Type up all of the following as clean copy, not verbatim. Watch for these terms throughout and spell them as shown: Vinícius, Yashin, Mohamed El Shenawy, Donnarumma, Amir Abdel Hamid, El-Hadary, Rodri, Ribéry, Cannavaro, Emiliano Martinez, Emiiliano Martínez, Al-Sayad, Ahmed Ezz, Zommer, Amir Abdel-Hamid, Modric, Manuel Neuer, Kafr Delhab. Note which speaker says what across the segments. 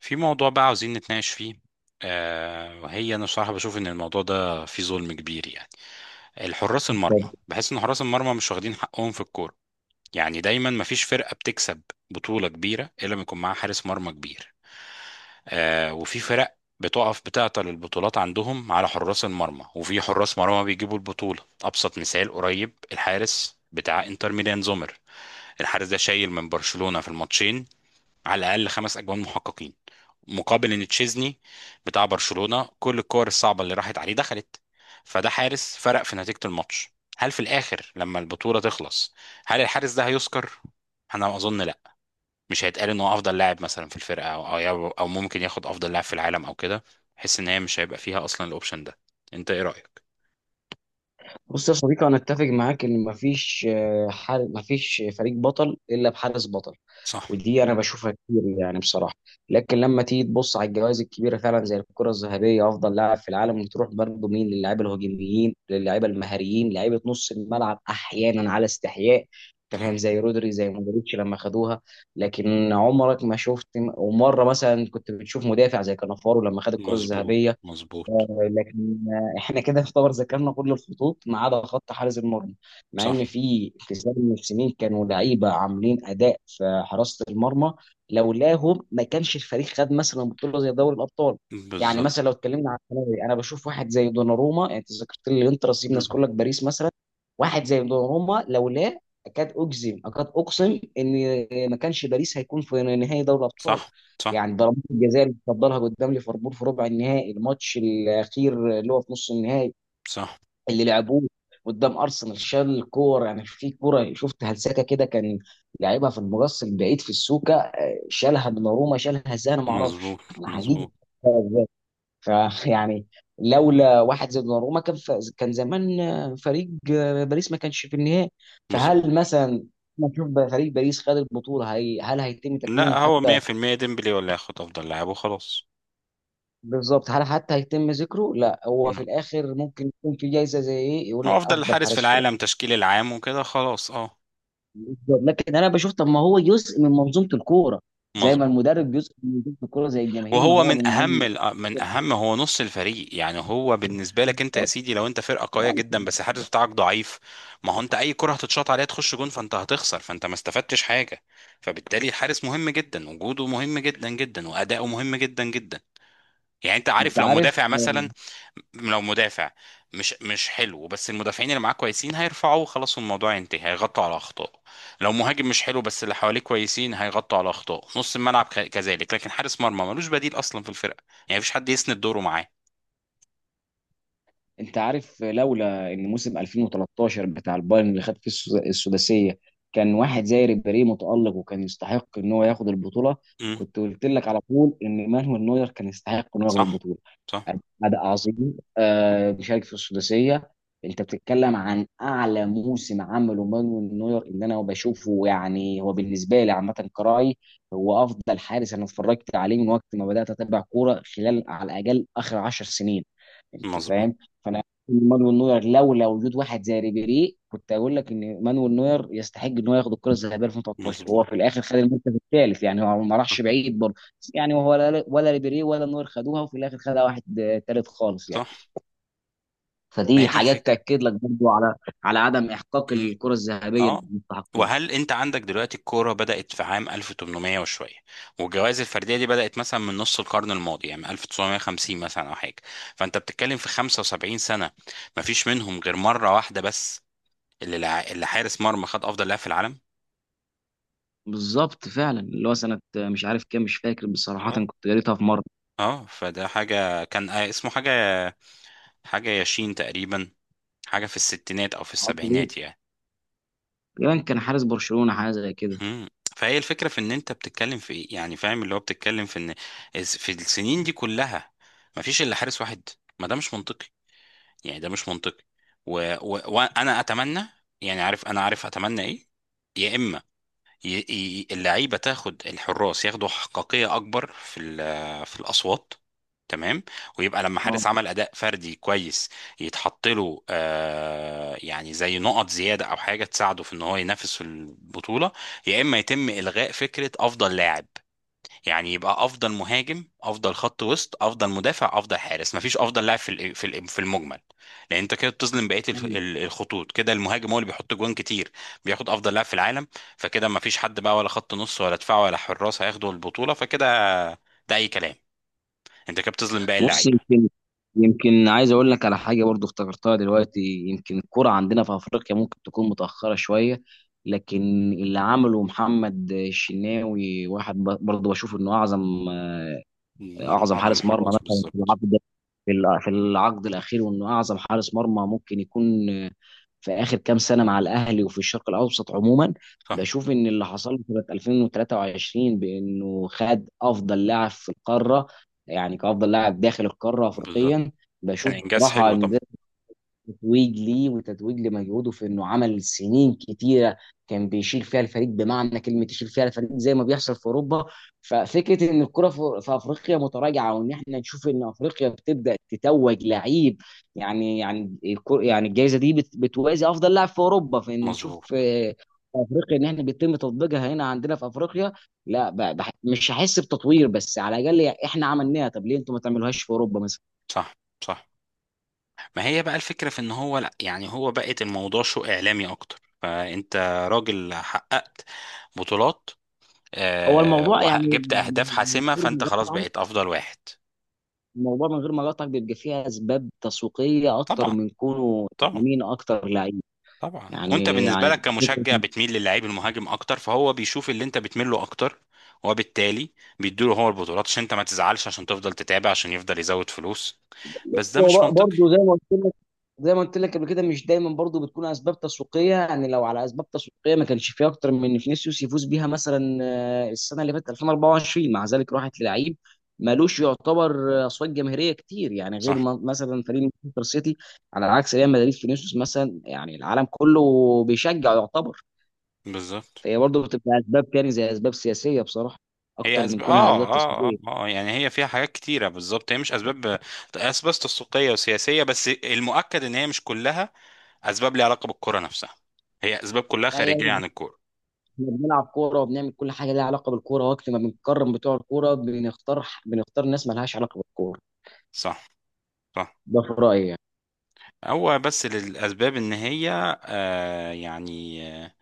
Speaker 1: في موضوع بقى عاوزين نتناقش فيه. وهي انا صراحة بشوف ان الموضوع ده فيه ظلم كبير، يعني الحراس
Speaker 2: طب،
Speaker 1: المرمى، بحس ان حراس المرمى مش واخدين حقهم في الكورة. يعني دايما مفيش فرقة بتكسب بطولة كبيرة الا لما يكون معاها حارس مرمى كبير. وفي فرق بتقف بتعطل البطولات عندهم على حراس المرمى، وفي حراس مرمى بيجيبوا البطولة. أبسط مثال قريب، الحارس بتاع انتر ميلان زومر، الحارس ده شايل من برشلونة في الماتشين على الأقل خمس أجوان محققين، مقابل ان تشيزني بتاع برشلونة كل الكور الصعبة اللي راحت عليه دخلت. فده حارس فرق في نتيجة الماتش. هل في الاخر لما البطولة تخلص، هل الحارس ده هيذكر؟ انا اظن لا. مش هيتقال ان هو افضل لاعب مثلا في الفرقة او او أو ممكن ياخد افضل لاعب في العالم او كده. حس ان هي مش هيبقى فيها اصلا الاوبشن ده. انت ايه رأيك؟
Speaker 2: بص يا صديقي، انا اتفق معاك ان مفيش حال. مفيش فريق بطل الا بحارس بطل.
Speaker 1: صح.
Speaker 2: ودي انا بشوفها كتير، يعني بصراحه. لكن لما تيجي تبص على الجوائز الكبيره فعلا زي الكره الذهبيه افضل لاعب في العالم، وتروح برضه مين؟ للاعيبه الهجوميين، للاعيبه المهاريين، لعيبه نص الملعب احيانا على استحياء. انت
Speaker 1: صح.
Speaker 2: فاهم؟ زي رودري، زي مودريتش لما خدوها. لكن عمرك ما شفت، ومره مثلا كنت بتشوف مدافع زي كانافارو لما خد الكره
Speaker 1: مظبوط.
Speaker 2: الذهبيه.
Speaker 1: مظبوط.
Speaker 2: لكن احنا كده يعتبر ذكرنا كل الخطوط ما عدا خط حارس المرمى، مع
Speaker 1: صح.
Speaker 2: ان في كتير من السنين كانوا لعيبه عاملين اداء في حراسه المرمى لولاهم ما كانش الفريق خد مثلا بطوله زي دوري الابطال. يعني
Speaker 1: بالظبط.
Speaker 2: مثلا لو اتكلمنا عن الثانوي، انا بشوف واحد زي دوناروما. يعني انت ذكرت لي الانتر، سيبنا نذكر
Speaker 1: مم.
Speaker 2: لك باريس مثلا. واحد زي دوناروما لولاه، اكاد اجزم، اكاد اقسم ان ما كانش باريس هيكون في نهائي دوري الابطال.
Speaker 1: صح. صح.
Speaker 2: يعني ضربات الجزاء اللي اتفضلها قدام ليفربول في ربع النهائي، الماتش الاخير اللي هو في نص النهائي
Speaker 1: صح.
Speaker 2: اللي لعبوه قدام ارسنال، شال كور يعني. في كوره شفت هلسكه كده، كان لعبها في المقص البعيد في السوكه، شالها دوناروما. شالها ازاي؟ انا ما اعرفش،
Speaker 1: مظبوط.
Speaker 2: انا حقيقي مش
Speaker 1: مظبوط.
Speaker 2: عارف ازاي. فيعني لولا واحد زي دوناروما كان كان زمان فريق باريس ما كانش في النهائي.
Speaker 1: مظبوط.
Speaker 2: فهل مثلا نشوف فريق باريس خد البطوله هل هيتم تكريمه
Speaker 1: لا، هو
Speaker 2: حتى؟
Speaker 1: 100% ديمبلي ولا ياخد افضل لاعب وخلاص.
Speaker 2: بالظبط، هل حتى هيتم ذكره؟ لا، هو في
Speaker 1: لا.
Speaker 2: الاخر ممكن يكون في جايزه زي ايه، يقول
Speaker 1: هو
Speaker 2: لك
Speaker 1: افضل
Speaker 2: افضل
Speaker 1: حارس في
Speaker 2: حارس في العالم.
Speaker 1: العالم تشكيل العام وكده خلاص. اه.
Speaker 2: بالظبط. لكن انا بشوف، طب ما هو جزء من منظومه الكوره، زي ما
Speaker 1: مظبوط.
Speaker 2: المدرب جزء من منظومه الكوره، زي الجماهير، ما
Speaker 1: وهو
Speaker 2: هو
Speaker 1: من
Speaker 2: من
Speaker 1: اهم
Speaker 2: ضمن.
Speaker 1: هو نص الفريق، يعني هو بالنسبه لك انت يا
Speaker 2: بالظبط.
Speaker 1: سيدي، لو انت فرقه قويه جدا بس الحارس بتاعك ضعيف، ما هو انت اي كره هتتشاط عليها تخش جون، فانت هتخسر، فانت ما استفدتش حاجه. فبالتالي الحارس مهم جدا، وجوده مهم جدا جدا، واداؤه مهم جدا جدا. يعني انت عارف
Speaker 2: انت
Speaker 1: لو
Speaker 2: عارف
Speaker 1: مدافع مثلا، لو مدافع مش حلو بس المدافعين اللي معاه كويسين هيرفعوه خلاص، والموضوع ينتهي، هيغطوا على اخطاء. لو مهاجم مش حلو بس اللي حواليه كويسين هيغطوا على اخطاء نص الملعب، كذلك. لكن حارس مرمى ملوش بديل اصلا في الفرقه، يعني مفيش حد يسند دوره معاه.
Speaker 2: انت عارف لولا ان موسم 2013 بتاع البايرن اللي خد فيه السداسيه كان واحد زي ريبيري متالق وكان يستحق ان هو ياخد البطوله،
Speaker 1: امم
Speaker 2: كنت قلت لك على طول ان مانويل نوير كان يستحق انه ياخد
Speaker 1: صح.
Speaker 2: البطوله.
Speaker 1: صح.
Speaker 2: أداء عظيم بيشارك في السداسية. أنت بتتكلم عن أعلى موسم عمله مانويل نوير، اللي أنا بشوفه يعني هو بالنسبة لي عامة كرأي، هو أفضل حارس أنا اتفرجت عليه من وقت ما بدأت أتابع كورة، خلال على الأقل آخر 10 سنين. أنت
Speaker 1: مظبوط.
Speaker 2: فاهم؟ فأنا مانويل نوير لولا وجود واحد زي ريبيري، كنت أقول لك إن مانويل نوير يستحق إن هو ياخد الكرة الذهبية 2013،
Speaker 1: مظبوط.
Speaker 2: وهو في الآخر خد المركز الثالث، يعني هو ما راحش بعيد. يعني ولا ريبيري ولا نور خدوها، وفي الاخر خدها واحد تالت خالص يعني.
Speaker 1: صح. ما هي
Speaker 2: فدي
Speaker 1: دي
Speaker 2: حاجات
Speaker 1: الفكره.
Speaker 2: تاكد لك برضو على عدم احقاق
Speaker 1: امم.
Speaker 2: الكره الذهبيه
Speaker 1: اه.
Speaker 2: للمستحقين.
Speaker 1: وهل انت عندك دلوقتي، الكوره بدات في عام 1800 وشويه، والجوائز الفرديه دي بدات مثلا من نص القرن الماضي، يعني من 1950 مثلا او حاجه. فانت بتتكلم في 75 سنه مفيش منهم غير مره واحده بس اللي حارس مرمى خد افضل لاعب في العالم.
Speaker 2: بالظبط فعلا. اللي هو سنه مش عارف كام، مش فاكر بصراحه،
Speaker 1: اه.
Speaker 2: كنت قريتها في مره،
Speaker 1: اه فده حاجه كان، اسمه حاجه، حاجه ياشين تقريبا، حاجه في الستينات او في
Speaker 2: معرفش ليه.
Speaker 1: السبعينات يعني.
Speaker 2: تقريبا كان حارس برشلونه، حاجه زي كده.
Speaker 1: مم. فهي الفكرة في ان انت بتتكلم في ايه، يعني فاهم اللي هو بتتكلم في ان في السنين دي كلها ما فيش الا حارس واحد. ما ده مش منطقي، يعني ده مش منطقي. و... وانا اتمنى، يعني عارف، انا عارف اتمنى ايه. يا اما اللعيبه تاخد الحراس، ياخدوا حقيقيه اكبر في في الاصوات، تمام. ويبقى لما حارس عمل اداء فردي كويس يتحط له، يعني زي نقط زياده او حاجه تساعده في ان هو ينافس في البطوله. يا اما يتم الغاء فكره افضل لاعب، يعني يبقى افضل مهاجم، افضل خط وسط، افضل مدافع، افضل حارس، مفيش افضل لاعب في في المجمل. لان انت كده بتظلم بقيه
Speaker 2: اه،
Speaker 1: الخطوط. كده المهاجم هو اللي بيحط جوان كتير بياخد افضل لاعب في العالم، فكده مفيش حد بقى، ولا خط نص، ولا دفاع، ولا حراس هياخدوا البطوله، فكده ده اي كلام، انت كده بتظلم باقي
Speaker 2: بص،
Speaker 1: اللعيبه.
Speaker 2: يمكن عايز اقول لك على حاجه برضو افتكرتها دلوقتي. يمكن الكره عندنا في افريقيا ممكن تكون متاخره شويه، لكن اللي عمله محمد الشناوي، واحد برضو بشوف انه اعظم
Speaker 1: من
Speaker 2: اعظم
Speaker 1: اعظم
Speaker 2: حارس مرمى
Speaker 1: الحراس
Speaker 2: مثلا في
Speaker 1: بالظبط.
Speaker 2: العقد، في العقد الاخير، وانه اعظم حارس مرمى ممكن يكون في اخر كام سنه مع الاهلي، وفي الشرق الاوسط عموما.
Speaker 1: صح.
Speaker 2: بشوف ان اللي حصل له سنه 2023 بانه خد افضل لاعب في القاره، يعني كافضل لاعب داخل القاره
Speaker 1: بالظبط.
Speaker 2: افريقيا،
Speaker 1: كان
Speaker 2: بشوف
Speaker 1: انجاز
Speaker 2: بصراحه
Speaker 1: حلو طبعا.
Speaker 2: ان تتويج ليه وتتويج لمجهوده في انه عمل سنين كتيره كان بيشيل فيها الفريق بمعنى كلمه، يشيل فيها الفريق زي ما بيحصل في اوروبا. ففكره ان الكره في افريقيا متراجعه، وان احنا نشوف ان افريقيا بتبدا تتوج لعيب، يعني الجائزه دي بتوازي افضل لاعب في اوروبا. فان نشوف
Speaker 1: مظبوط.
Speaker 2: في افريقيا، ان احنا بيتم تطبيقها هنا عندنا في افريقيا. لا، مش هحس بتطوير، بس على الاقل احنا عملناها. طب ليه انتوا ما تعملوهاش في اوروبا مثلا؟
Speaker 1: صح. صح. ما هي بقى الفكره في ان هو، لا يعني هو بقت الموضوع شو اعلامي اكتر. فانت راجل حقق بطولات
Speaker 2: هو
Speaker 1: آه
Speaker 2: الموضوع يعني،
Speaker 1: وجبت اهداف حاسمه، فانت خلاص بقيت افضل واحد.
Speaker 2: الموضوع من غير ما اقاطعك، بيبقى فيه اسباب تسويقيه اكتر
Speaker 1: طبعا.
Speaker 2: من كونه
Speaker 1: طبعا.
Speaker 2: مين اكتر لعيب.
Speaker 1: طبعا. وانت
Speaker 2: يعني
Speaker 1: بالنسبه لك
Speaker 2: يعني فكره.
Speaker 1: كمشجع بتميل للعيب المهاجم اكتر، فهو بيشوف اللي انت بتميل له اكتر وبالتالي بيديله هو البطولات عشان انت ما تزعلش، عشان تفضل تتابع، عشان يفضل يزود فلوس. بس ده مش
Speaker 2: هو
Speaker 1: منطقي.
Speaker 2: برضه زي ما قلت لك قبل كده، مش دايما برضه بتكون اسباب تسويقيه. يعني لو على اسباب تسويقيه ما كانش فيه اكتر من إن فينيسيوس يفوز بيها مثلا. السنه اللي فاتت 2024 مع ذلك راحت للعيب مالوش يعتبر اصوات جماهيريه كتير، يعني غير
Speaker 1: صح.
Speaker 2: مثلا فريق مانشستر سيتي على عكس ريال مدريد، فينيسيوس مثلا يعني العالم كله بيشجع.
Speaker 1: بالظبط.
Speaker 2: فهي برضه بتبقى اسباب كان زي اسباب سياسيه بصراحه،
Speaker 1: هي
Speaker 2: اكتر من
Speaker 1: اسباب،
Speaker 2: كونها اسباب تسويقيه.
Speaker 1: يعني هي فيها حاجات كتيره بالظبط. هي مش اسباب، اسباب تسويقيه وسياسيه بس، المؤكد ان هي مش كلها اسباب ليها علاقه بالكره نفسها، هي اسباب كلها
Speaker 2: لا
Speaker 1: خارجيه
Speaker 2: يعني
Speaker 1: عن الكوره.
Speaker 2: احنا بنلعب كوره وبنعمل كل حاجه ليها علاقه بالكوره، وقت ما بنكرم بتوع الكوره بنختار ناس ما لهاش علاقه بالكوره.
Speaker 1: صح. صح.
Speaker 2: ده في رايي يعني.
Speaker 1: هو بس للاسباب ان هي آه يعني آه،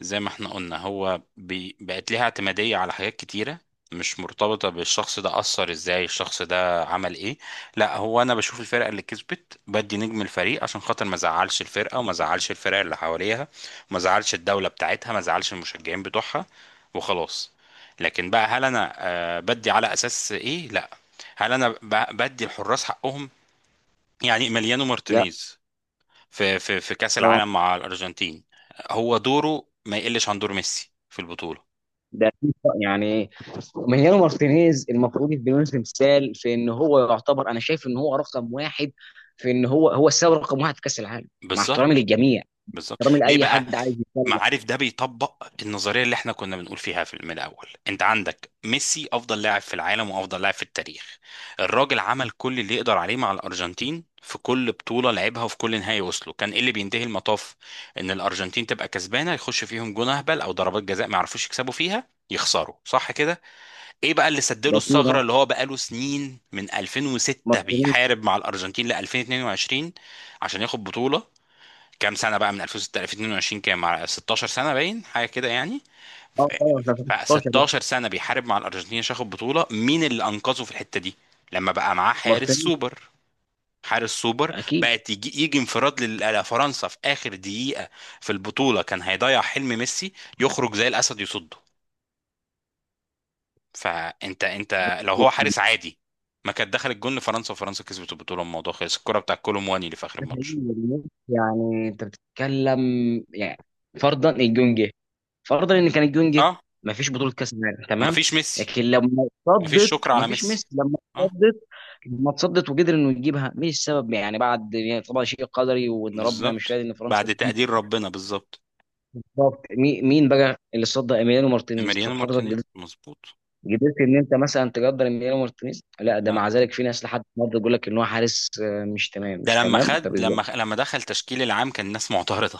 Speaker 1: زي ما احنا قلنا، هو بقت ليها اعتمادية على حاجات كتيرة مش مرتبطة بالشخص، ده أثر ازاي، الشخص ده عمل ايه. لا هو أنا بشوف الفرقة اللي كسبت بدي نجم الفريق عشان خاطر ما زعلش الفرقة، وما زعلش الفرق اللي حواليها، وما زعلش الدولة بتاعتها، ما زعلش المشجعين بتوعها، وخلاص. لكن بقى، هل أنا بدي على أساس ايه؟ لا. هل أنا بدي الحراس حقهم؟ يعني مليانو
Speaker 2: لا،
Speaker 1: مارتينيز في كأس
Speaker 2: اه،
Speaker 1: العالم مع الأرجنتين، هو دوره ما يقلش عن دور ميسي في البطولة.
Speaker 2: ده أكيد طبعاً. يعني مانيانو مارتينيز المفروض يديله تمثال، في ان هو يعتبر، انا شايف ان هو رقم واحد، في ان هو هو السبب رقم واحد في كاس العالم، مع احترامي
Speaker 1: بالظبط.
Speaker 2: للجميع،
Speaker 1: بالظبط،
Speaker 2: احترامي
Speaker 1: ليه
Speaker 2: لاي
Speaker 1: بقى؟
Speaker 2: حد عايز يتكلم.
Speaker 1: معارف، ده بيطبق النظرية اللي احنا كنا بنقول فيها في من الأول. انت عندك ميسي أفضل لاعب في العالم وأفضل لاعب في التاريخ، الراجل عمل كل اللي يقدر عليه مع الأرجنتين في كل بطولة لعبها، وفي كل نهائي وصله كان ايه اللي بينتهي المطاف، ان الأرجنتين تبقى كسبانة يخش فيهم جون أهبل أو ضربات جزاء ما يعرفوش يكسبوا فيها يخسروا، صح كده؟ ايه بقى اللي سد له
Speaker 2: ده كده
Speaker 1: الثغره، اللي هو بقاله سنين من 2006
Speaker 2: مارتينيز.
Speaker 1: بيحارب مع الارجنتين ل 2022 عشان ياخد بطوله. كام سنه بقى من 2006 ل 2022، كام؟ مع 16 سنه، باين حاجه كده يعني.
Speaker 2: اه
Speaker 1: ف-
Speaker 2: طبعا، ده 16.
Speaker 1: 16 سنه بيحارب مع الارجنتين عشان ياخد بطوله. مين اللي انقذه في الحته دي، لما بقى معاه حارس
Speaker 2: مارتينيز،
Speaker 1: سوبر. حارس سوبر،
Speaker 2: اكيد.
Speaker 1: بقت يجي انفراد لفرنسا في اخر دقيقه في البطوله، كان هيضيع حلم ميسي، يخرج زي الاسد يصده. فانت، انت لو هو حارس
Speaker 2: يعني
Speaker 1: عادي، ما كانت دخلت جون لفرنسا وفرنسا كسبت البطوله، الموضوع خلص. الكره بتاع كولومواني اللي في اخر
Speaker 2: ده حقيقي
Speaker 1: الماتش.
Speaker 2: والله. يعني انت بتتكلم، يعني فرضا الجونجي، فرضا ان كان الجونجي
Speaker 1: اه.
Speaker 2: ما فيش بطوله كاس عالم، تمام.
Speaker 1: مفيش ميسي.
Speaker 2: لكن لما
Speaker 1: مفيش
Speaker 2: اتصدت
Speaker 1: شكر
Speaker 2: ما
Speaker 1: على
Speaker 2: فيش
Speaker 1: ميسي.
Speaker 2: ميسي. لما
Speaker 1: اه.
Speaker 2: اتصدت، لما اتصدت وقدر انه يجيبها، مين السبب يعني؟ بعد يعني طبعا شيء قدري، وان ربنا مش
Speaker 1: بالظبط.
Speaker 2: راضي ان فرنسا
Speaker 1: بعد
Speaker 2: تجيب.
Speaker 1: تقدير ربنا بالظبط.
Speaker 2: بالظبط. مين بقى اللي صد ايميليانو مارتينيز؟
Speaker 1: اماريانو
Speaker 2: طب حضرتك
Speaker 1: مارتينيز
Speaker 2: قدرت
Speaker 1: مظبوط.
Speaker 2: قدرت ان انت مثلا تقدر ايميليانو مارتينيز؟ لا ده
Speaker 1: لا،
Speaker 2: مع ذلك في ناس لحد النهارده يقول لك ان هو حارس مش تمام، مش
Speaker 1: ده لما
Speaker 2: تمام. طب
Speaker 1: خد لما لما دخل تشكيل العام كان الناس معترضه.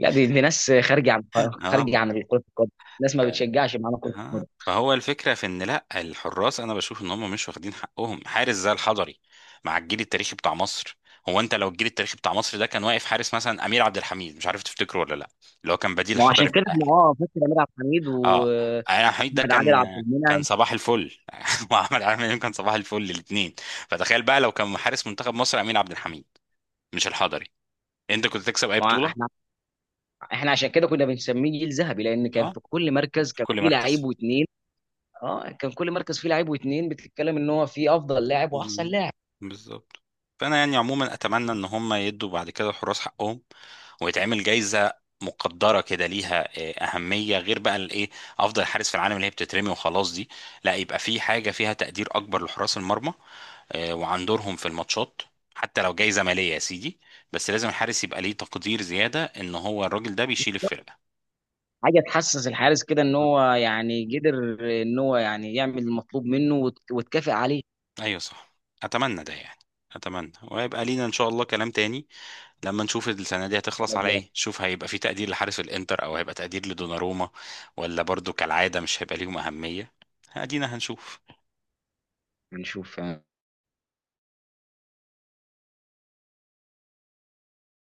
Speaker 2: لا، دي ناس خارجه عن كره القدم. ناس ما
Speaker 1: اه.
Speaker 2: بتشجعش معانا كره
Speaker 1: ها،
Speaker 2: القدم.
Speaker 1: فهو الفكرة في ان لا، الحراس انا بشوف ان هم مش واخدين حقهم. حارس زي الحضري مع الجيل التاريخي بتاع مصر، هو انت لو الجيل التاريخي بتاع مصر ده كان واقف حارس مثلا امير عبد الحميد، مش عارف تفتكره ولا لا، اللي هو كان بديل
Speaker 2: ما هو
Speaker 1: الحضري
Speaker 2: عشان
Speaker 1: في
Speaker 2: كده احنا
Speaker 1: الاهلي.
Speaker 2: فاكر امير عبد الحميد
Speaker 1: اه. امير عبد الحميد ده
Speaker 2: واحمد عادل
Speaker 1: كان،
Speaker 2: عبد
Speaker 1: كان
Speaker 2: المنعم.
Speaker 1: صباح الفل وعمل عامل إمام، كان صباح الفل الاثنين. فتخيل بقى لو كان حارس منتخب مصر امير عبد الحميد مش الحضري، انت كنت تكسب اي
Speaker 2: ما هو احنا
Speaker 1: بطولة.
Speaker 2: احنا عشان كده كنا بنسميه جيل ذهبي، لان كان
Speaker 1: اه.
Speaker 2: في كل مركز
Speaker 1: في
Speaker 2: كان
Speaker 1: كل
Speaker 2: فيه لعيب
Speaker 1: مركز.
Speaker 2: واثنين. اه، كان كل مركز فيه لعيب واثنين، بتتكلم ان هو فيه افضل لاعب واحسن
Speaker 1: مم.
Speaker 2: لاعب.
Speaker 1: بالظبط. فانا يعني عموما اتمنى ان هم يدوا بعد كده الحراس حقهم، ويتعمل جايزه مقدره كده ليها اهميه، غير بقى الايه، افضل حارس في العالم اللي هي بتترمي وخلاص دي. لا، يبقى في حاجه فيها تقدير اكبر لحراس المرمى وعن دورهم في الماتشات، حتى لو جايزه ماليه يا سيدي، بس لازم الحارس يبقى ليه تقدير زياده، ان هو الراجل ده بيشيل الفرقه.
Speaker 2: حاجه تحسس الحارس كده ان هو يعني قدر، ان هو يعني يعمل المطلوب منه وتكافئ عليه.
Speaker 1: ايوه صح. اتمنى ده، يعني اتمنى ويبقى لينا ان شاء الله كلام تاني لما نشوف السنه دي هتخلص على ايه، شوف هيبقى في تقدير لحارس الانتر، او هيبقى تقدير لدوناروما، ولا برضو كالعاده مش هيبقى ليهم اهميه. ادينا هنشوف.
Speaker 2: هنشوف.